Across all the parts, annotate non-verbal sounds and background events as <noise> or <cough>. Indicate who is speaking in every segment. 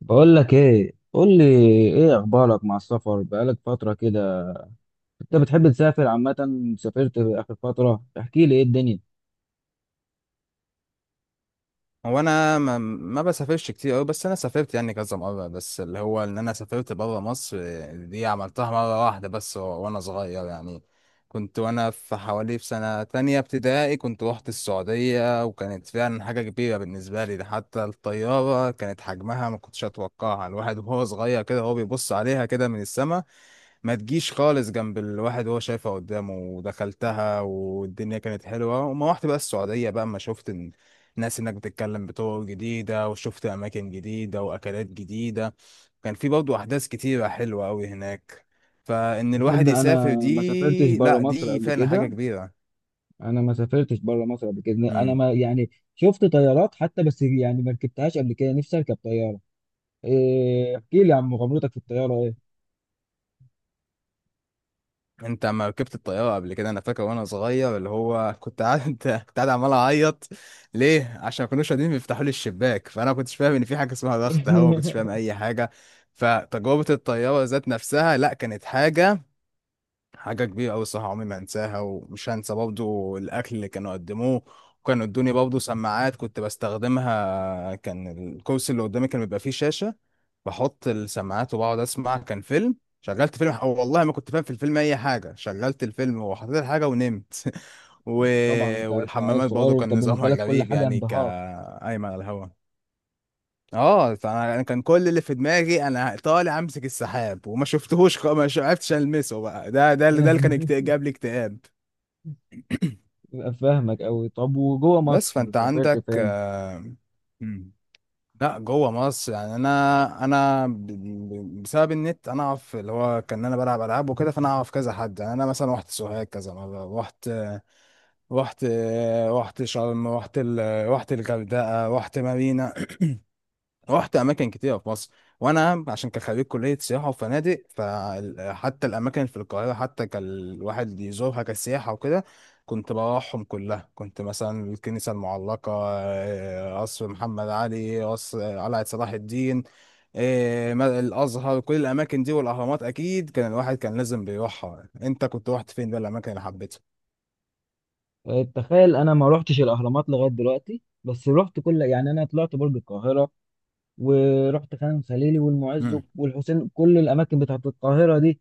Speaker 1: بقول لك ايه قول لي ايه اخبارك مع السفر؟ بقالك فتره كده، انت بتحب تسافر عامه؟ سافرت اخر فتره؟ احكي لي ايه الدنيا.
Speaker 2: هو انا ما بسافرش كتير قوي، بس انا سافرت يعني كذا مره. بس اللي هو ان انا سافرت بره مصر آه، دي عملتها مره واحده بس وانا صغير يعني. كنت وانا في حوالي في سنه تانية ابتدائي، كنت روحت السعوديه وكانت فعلا حاجه كبيره بالنسبه لي. ده حتى الطياره كانت حجمها ما كنتش اتوقعها. الواحد وهو صغير كده هو بيبص عليها كده من السما، ما تجيش خالص جنب الواحد وهو شايفها قدامه. ودخلتها والدنيا كانت حلوة. وما رحت بقى السعودية بقى اما شفت الناس هناك بتتكلم بطرق جديدة، وشفت أماكن جديدة وأكلات جديدة. كان في برضه أحداث كتيرة حلوة أوي هناك. فإن الواحد
Speaker 1: تصدق انا
Speaker 2: يسافر
Speaker 1: ما سافرتش
Speaker 2: دي،
Speaker 1: بره
Speaker 2: لأ
Speaker 1: مصر
Speaker 2: دي
Speaker 1: قبل
Speaker 2: فعلا حاجة
Speaker 1: كده.
Speaker 2: كبيرة.
Speaker 1: انا ما سافرتش بره مصر قبل كده انا ما يعني شفت طيارات حتى، بس يعني ما ركبتهاش قبل كده. نفسي اركب طياره. إيه، احكي لي عن مغامرتك في الطياره ايه؟
Speaker 2: انت اما ركبت الطياره قبل كده، انا فاكر وانا صغير اللي هو كنت قاعد <laughs> كنت قاعد عمال اعيط. ليه؟ عشان ما كانوش راضيين بيفتحوا لي الشباك، فانا ما كنتش فاهم ان في حاجه اسمها ضغط هواء، ما كنتش فاهم
Speaker 1: <laughs>
Speaker 2: اي حاجه. فتجربه الطياره ذات نفسها لا، كانت حاجة كبيرة أوي الصراحة، عمري ما أنساها. ومش هنسى برضه الأكل اللي كانوا قدموه. وكانوا ادوني برضه سماعات كنت بستخدمها. كان الكرسي اللي قدامي كان بيبقى فيه شاشة، بحط السماعات وبقعد أسمع. كان فيلم، شغلت فيلم، أو والله ما كنت فاهم في الفيلم أي حاجة. شغلت الفيلم وحطيت الحاجة ونمت <laughs> و...
Speaker 1: طبعا انت عيل
Speaker 2: والحمامات
Speaker 1: صغير،
Speaker 2: برضه
Speaker 1: وانت
Speaker 2: كان
Speaker 1: بالنسبه
Speaker 2: نظامها
Speaker 1: لك كل
Speaker 2: غريب
Speaker 1: حاجه
Speaker 2: يعني،
Speaker 1: انبهار.
Speaker 2: كأيمن على الهوا. اه فانا أنا كان كل اللي في دماغي انا طالع امسك السحاب، وما شفتهوش خ- ما شو- عرفتش المسه. بقى ده اللي كان
Speaker 1: <laughs>
Speaker 2: جاب لي اكتئاب.
Speaker 1: فاهمك قوي. طب وجوه
Speaker 2: بس
Speaker 1: مصر
Speaker 2: فانت
Speaker 1: سافرت
Speaker 2: عندك
Speaker 1: فين؟
Speaker 2: آه، مم. لا جوه مصر يعني. انا بسبب النت انا اعرف اللي هو كان انا بلعب العاب وكده، فانا اعرف كذا حد. يعني انا مثلا رحت سوهاج كذا مره، رحت رحت شرم، رحت الغردقه، رحت مارينا. رحت اماكن كتيره في مصر. وانا عشان كخريج كليه سياحه وفنادق، فحتى الاماكن في القاهره حتى كان الواحد يزورها كسياحه وكده، كنت بروحهم كلها. كنت مثلا الكنيسه المعلقه آه، قصر محمد علي، قصر قلعه صلاح الدين آه، الازهر. كل الاماكن دي والاهرامات اكيد كان الواحد كان لازم بيروحها. انت كنت رحت فين بقى الاماكن اللي حبيتها؟
Speaker 1: آه، تخيل، انا ما روحتش الاهرامات لغايه دلوقتي. بس روحت يعني انا طلعت برج القاهره، ورحت خان خليلي والمعز
Speaker 2: امم.
Speaker 1: والحسين، كل الاماكن بتاعت القاهره دي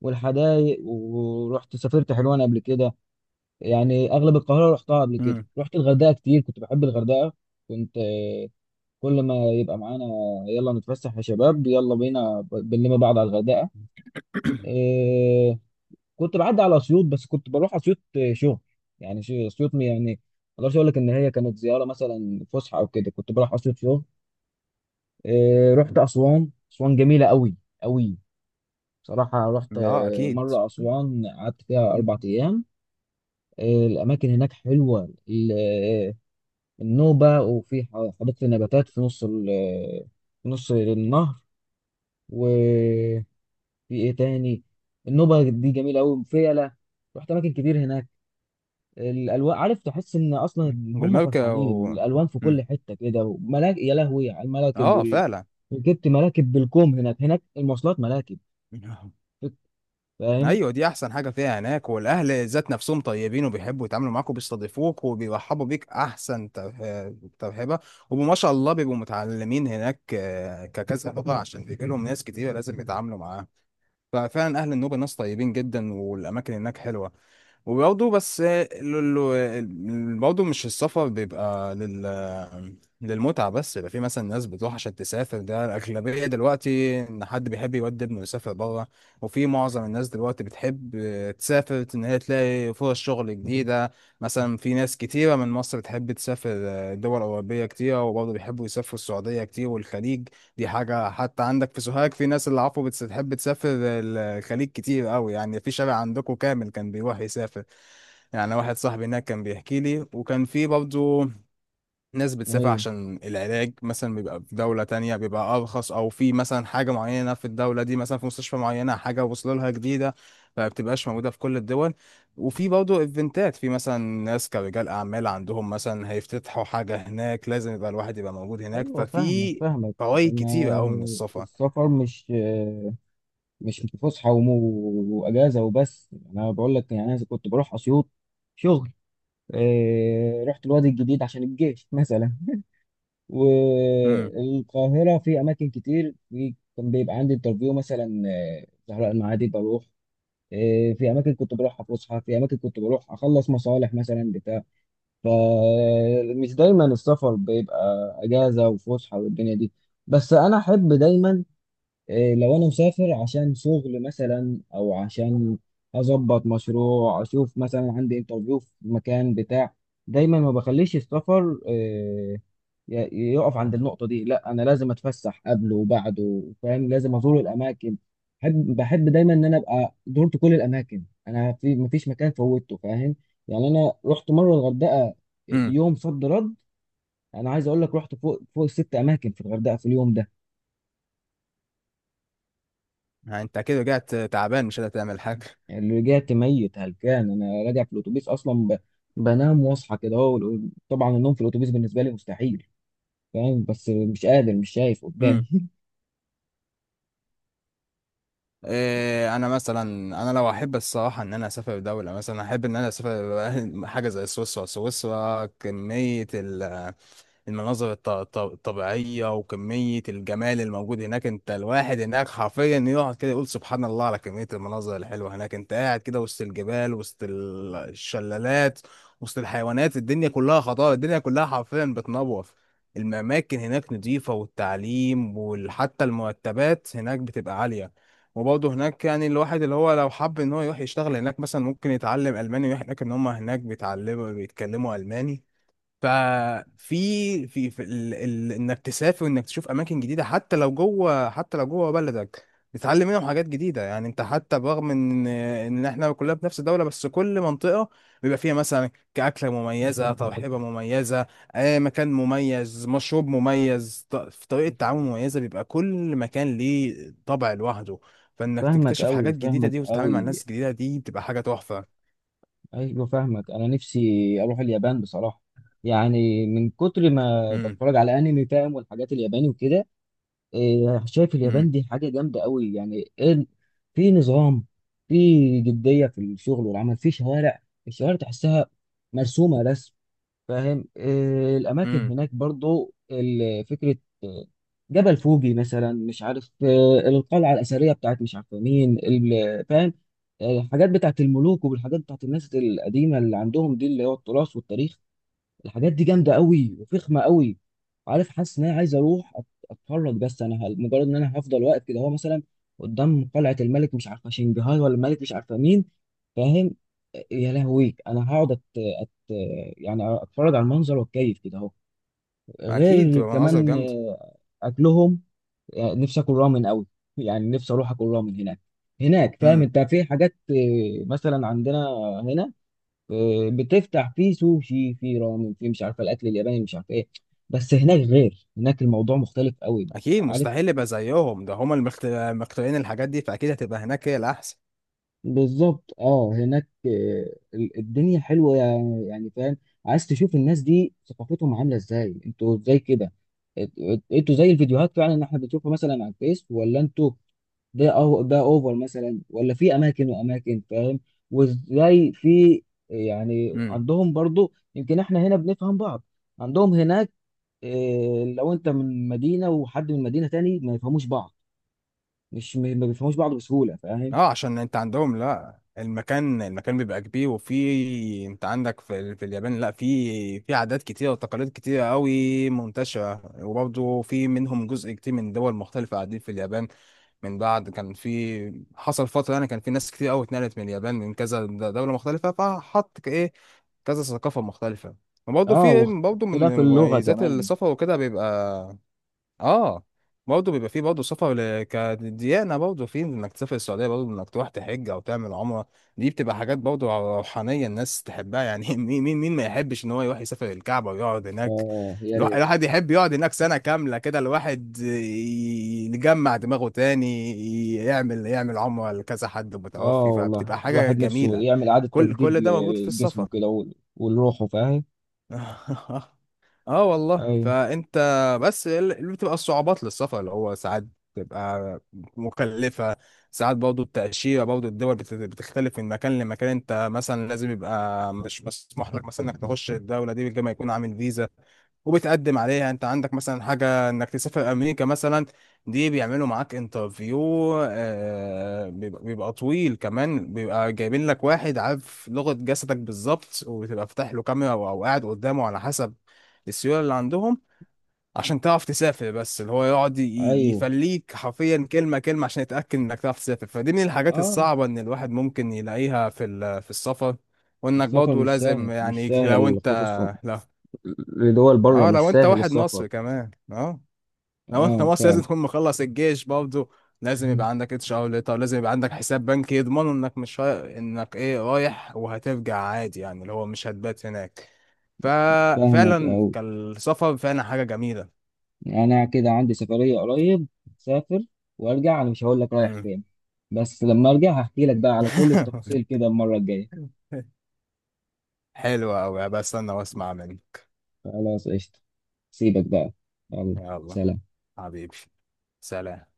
Speaker 1: والحدائق. ورحت سافرت حلوان قبل كده. يعني اغلب القاهره رحتها قبل كده.
Speaker 2: امم.
Speaker 1: رحت الغردقه كتير، كنت بحب الغردقه. كنت كل ما يبقى معانا: يلا نتفسح يا شباب، يلا بينا بنلم بعض على الغردقه. آه، كنت بعدي على اسيوط، بس كنت بروح اسيوط شغل. يعني اسيوط يعني ما اقدرش اقول لك ان هي كانت زياره مثلا فسحه او كده، كنت بروح اسيوط شغل. آه، رحت اسوان. اسوان جميله قوي قوي. بصراحه رحت
Speaker 2: اه اكيد.
Speaker 1: مره اسوان، قعدت فيها اربع
Speaker 2: مم.
Speaker 1: ايام. آه، الاماكن هناك حلوه. النوبه، وفي حديقه النباتات في نص في نص النهر. وفي ايه تاني؟ النوبه دي جميله قوي، وفيله. رحت اماكن كتير هناك. الالوان، عارف، تحس ان اصلا إن هم
Speaker 2: والمركب
Speaker 1: فرحانين.
Speaker 2: و...
Speaker 1: الالوان في كل
Speaker 2: مم.
Speaker 1: حته كده، وملاك، يا لهوي على الملاكب
Speaker 2: اه
Speaker 1: وال...
Speaker 2: فعلا.
Speaker 1: جبت ملاكب بالكوم هناك. هناك المواصلات ملاكب،
Speaker 2: <laughs>
Speaker 1: فاهم؟
Speaker 2: ايوه دي احسن حاجه فيها هناك. والاهل ذات نفسهم طيبين، وبيحبوا يتعاملوا معاك وبيستضيفوك وبيرحبوا بيك احسن ترحيبه. وما شاء الله بيبقوا متعلمين هناك آه، ككذا لغه عشان بيجي لهم ناس كتير لازم يتعاملوا معاها. ففعلا اهل النوبه ناس طيبين جدا، والاماكن هناك حلوه. وبرضه بس برضه مش السفر بيبقى للمتعه بس. يبقى في مثلا ناس بتروح عشان تسافر، ده الاغلبيه دلوقتي ان حد بيحب يودي ابنه يسافر بره. وفي معظم الناس دلوقتي بتحب تسافر ان هي تلاقي فرص شغل جديده. مثلا في ناس كتيره من مصر بتحب تسافر دول اوروبيه كتيره، وبرضه بيحبوا يسافروا السعوديه كتير والخليج. دي حاجة حتى عندك في سوهاج، في ناس اللي عفوا بتحب تسافر الخليج كتير قوي. يعني في شارع عندكم كامل كان بيروح يسافر. يعني واحد صاحبي هناك كان بيحكي لي. وكان في برضه ناس بتسافر
Speaker 1: ايوه،
Speaker 2: عشان العلاج، مثلا بيبقى في دولة تانية بيبقى أرخص، أو في مثلا حاجة معينة في الدولة دي، مثلا في مستشفى معينة حاجة وصلوا لها جديدة، فبتبقاش موجودة في كل الدول. وفي برضه إيفنتات، في مثلا ناس كرجال أعمال عندهم مثلا هيفتتحوا حاجة هناك لازم يبقى الواحد يبقى موجود هناك.
Speaker 1: ايوه فاهمك،
Speaker 2: ففي
Speaker 1: فاهمك.
Speaker 2: فوائد
Speaker 1: انا
Speaker 2: كتيرة أوي من السفر.
Speaker 1: السفر مش فسحه واجازه وبس. انا بقول لك، يعني انا كنت بروح اسيوط شغل. إيه... رحت الوادي الجديد عشان الجيش مثلا.
Speaker 2: امم.
Speaker 1: والقاهرة في أماكن كتير، في كان بيبقى عندي انترفيو مثلا آه، زهراء المعادي بروح. آه، في أماكن كنت بروح فسحة، في أماكن كنت بروح أخلص مصالح مثلا بتاع. فمش دايما السفر بيبقى أجازة وفسحة والدنيا دي. بس أنا أحب دايما، إيه، لو انا مسافر عشان شغل مثلا، او عشان اظبط مشروع، اشوف مثلا عندي انترفيو في مكان بتاع، دايما ما بخليش السفر يقف عند النقطة دي. لا، انا لازم اتفسح قبله وبعده، فاهم؟ لازم ازور الاماكن. بحب، بحب دايما ان انا ابقى زرت كل الاماكن. انا في مفيش مكان فوتته، فاهم؟ يعني انا رحت مرة الغردقة إيه،
Speaker 2: امم.
Speaker 1: يوم صد رد. انا عايز اقول لك، رحت فوق فوق ست اماكن في الغردقة في اليوم ده.
Speaker 2: يعني أنت كده رجعت تعبان مش قادر تعمل حاجة.
Speaker 1: اللي رجعت ميت هلكان. انا راجع في الاتوبيس اصلا بنام واصحى كده اهو، طبعا النوم في الاتوبيس بالنسبه لي مستحيل، فاهم؟ بس مش قادر، مش شايف قدامي.
Speaker 2: إيه انا مثلا، انا لو احب الصراحه ان انا اسافر دوله، مثلا احب ان انا اسافر <laughs> حاجه زي سويسرا. سويسرا كميه المناظر الطبيعية وكمية الجمال الموجود هناك! انت الواحد هناك حرفيا يقعد كده يقول سبحان الله على كمية المناظر الحلوة هناك. انت قاعد كده وسط الجبال، وسط الشلالات، وسط الحيوانات. الدنيا كلها خضار، الدنيا كلها حرفيا بتنور. الأماكن هناك نظيفة، والتعليم وحتى المرتبات هناك بتبقى عالية. وبرضه هناك يعني الواحد اللي هو لو حب ان هو يروح يشتغل هناك مثلا، ممكن يتعلم ألماني ويروح هناك، ان هم هناك بيتعلموا بيتكلموا ألماني. ففي في انك تسافر وانك تشوف اماكن جديده، حتى لو جوه، حتى لو جوه بلدك، بتتعلم منهم حاجات جديده. يعني انت حتى برغم ان احنا كلنا في نفس الدوله، بس كل منطقه بيبقى فيها مثلا كاكله مميزه، ترحيبه مميزه آه، مكان مميز، مشروب مميز، في طريقه تعامل مميزه، بيبقى كل مكان ليه طبع لوحده.
Speaker 1: <laughs>
Speaker 2: فانك
Speaker 1: فاهمك
Speaker 2: تكتشف
Speaker 1: قوي،
Speaker 2: حاجات جديده
Speaker 1: فاهمك
Speaker 2: دي وتتعامل مع
Speaker 1: قوي.
Speaker 2: ناس جديده دي، بتبقى حاجه تحفه.
Speaker 1: ايوه فاهمك. انا نفسي اروح اليابان بصراحه. يعني من كتر ما
Speaker 2: امم.
Speaker 1: بتفرج على انمي، فاهم، والحاجات الياباني وكده. إيه، شايف
Speaker 2: امم.
Speaker 1: اليابان دي حاجه جامده قوي، يعني إيه. في نظام، في جديه في الشغل والعمل، في شوارع، الشوارع تحسها مرسومه رسم، فاهم؟ آه، الاماكن
Speaker 2: امم.
Speaker 1: هناك برضو فكره. آه، جبل فوجي مثلا، مش عارف، آه، القلعه الاثريه بتاعت مش عارف مين، فاهم. آه، الحاجات بتاعت الملوك، والحاجات بتاعت الناس القديمه اللي عندهم، دي اللي هو التراث والتاريخ. الحاجات دي جامده قوي وفخمه قوي. عارف، حاسس ان انا عايز اروح اتفرج. بس انا مجرد ان انا هفضل واقف كده، هو مثلا قدام قلعه الملك مش عارفه شنجهار، ولا الملك مش عارفه مين، فاهم. يا لهوي، انا هقعد أت... يعني اتفرج على المنظر واتكيف كده اهو.
Speaker 2: اكيد
Speaker 1: غير
Speaker 2: بتبقى مناظر
Speaker 1: كمان
Speaker 2: جامده.
Speaker 1: آه، اكلهم. يعني نفسي اكل رامن قوي. يعني نفسي اروح اكل رامن هناك. هناك، فاهم، انت في حاجات، آه، مثلا عندنا هنا، آه، بتفتح فيه سوشي، فيه رامن، فيه مش عارفه الاكل الياباني مش عارفه ايه. بس هناك غير، هناك الموضوع مختلف قوي.
Speaker 2: اكيد
Speaker 1: عارف،
Speaker 2: مستحيل يبقى زيهم، ده هما المخترعين الحاجات دي، فاكيد هتبقى هناك هي الاحسن.
Speaker 1: بالظبط. اه، هناك آه، الدنيا حلوه، يعني، يعني فاهم. عايز تشوف الناس دي ثقافتهم عامله ازاي. انتوا ازاي كده؟ انتوا زي الفيديوهات فعلا اللي احنا بنشوفها مثلا على الفيس؟ ولا انتوا ده، أو ده اوفر مثلا، ولا في اماكن واماكن، فاهم؟ وازاي في، يعني،
Speaker 2: امم.
Speaker 1: عندهم برضو، يمكن احنا هنا بنفهم بعض، عندهم هناك إيه، لو انت من مدينة وحد من مدينة تاني ما يفهموش بعض؟ مش م- ما بيفهموش بعض بسهولة، فاهم؟
Speaker 2: اه عشان انت عندهم لا، المكان بيبقى كبير. وفي انت عندك في اليابان لا في عادات كتيره وتقاليد كتيره قوي منتشره. وبرضه في منهم جزء كتير من دول مختلفه قاعدين في اليابان. من بعد كان في حصل فتره يعني، كان في ناس كتير قوي اتنقلت من اليابان من كذا دوله مختلفه، فحط ايه، كذا ثقافه مختلفه. وبرضه
Speaker 1: اه،
Speaker 2: في برضه من
Speaker 1: واختلاف اللغة
Speaker 2: مميزات
Speaker 1: كمان.
Speaker 2: السفر وكده بيبقى اه. برضه بيبقى فيه برضه سفر كديانة، برضه فيه انك تسافر السعودية، برضه انك تروح تحج او تعمل عمرة. دي بتبقى حاجات برضه روحانية الناس تحبها يعني. <laughs> مين ما يحبش ان هو يروح يسافر الكعبة ويقعد هناك!
Speaker 1: اه، يا ريت.
Speaker 2: الواحد يحب يقعد هناك سنة كاملة كده، الواحد يجمع دماغه تاني، يعمل عمرة لكذا حد
Speaker 1: اه
Speaker 2: متوفي،
Speaker 1: والله،
Speaker 2: فبتبقى حاجة
Speaker 1: الواحد نفسه
Speaker 2: جميلة.
Speaker 1: يعمل إعادة
Speaker 2: كل
Speaker 1: تجديد
Speaker 2: كل ده موجود في
Speaker 1: لجسمه
Speaker 2: السفر.
Speaker 1: كده ولروحه، فاهم.
Speaker 2: <laughs> اه والله.
Speaker 1: ايوه،
Speaker 2: فانت بس اللي بتبقى الصعوبات للسفر اللي هو ساعات بتبقى مكلفة. ساعات برضه التأشيرة، برضه الدول بتختلف من مكان لمكان. انت مثلا لازم يبقى مش مسموح لك مثلا انك تخش الدولة دي غير ما يكون عامل فيزا، وبتقدم عليها. انت عندك مثلا حاجة انك تسافر امريكا مثلا، دي بيعملوا معاك انترفيو آه، بيبقى طويل كمان. بيبقى جايبين لك واحد عارف لغة جسدك بالظبط، وبتبقى فاتح له كاميرا أو قاعد قدامه على حسب السيولة اللي عندهم، عشان تعرف تسافر. بس اللي هو يقعد
Speaker 1: ايوه،
Speaker 2: يفليك حرفيا كلمة كلمة عشان يتأكد انك تعرف تسافر. فدي من الحاجات
Speaker 1: اه.
Speaker 2: الصعبة ان الواحد ممكن يلاقيها في السفر. وانك
Speaker 1: السفر
Speaker 2: برضه
Speaker 1: مش
Speaker 2: لازم،
Speaker 1: سهل، مش سهل، خصوصا
Speaker 2: لو
Speaker 1: لدول بره،
Speaker 2: اه
Speaker 1: مش
Speaker 2: لو انت
Speaker 1: سهل
Speaker 2: واحد
Speaker 1: السفر.
Speaker 2: مصري كمان لو انت
Speaker 1: اه
Speaker 2: مصري
Speaker 1: فعلا.
Speaker 2: لازم تكون مخلص الجيش برضه. لازم
Speaker 1: مم.
Speaker 2: يبقى عندك HR ليتر، لازم يبقى عندك حساب بنكي يضمنوا انك مش راي... انك ايه رايح وهترجع عادي يعني، اللي هو مش هتبات هناك.
Speaker 1: فاهمك
Speaker 2: ففعلا
Speaker 1: أوي.
Speaker 2: كان السفر فعلا حاجة جميلة.
Speaker 1: أنا كده عندي سفرية قريب، سافر وأرجع. أنا مش هقول لك رايح
Speaker 2: مم.
Speaker 1: فين، بس لما أرجع هحكي لك بقى على كل التفاصيل
Speaker 2: <laughs>
Speaker 1: كده المرة الجاية.
Speaker 2: حلوة أوي بستنى واسمع منك.
Speaker 1: خلاص، قشطة، سيبك بقى، يلا.
Speaker 2: يلا،
Speaker 1: سلام.
Speaker 2: حبيبي سلام.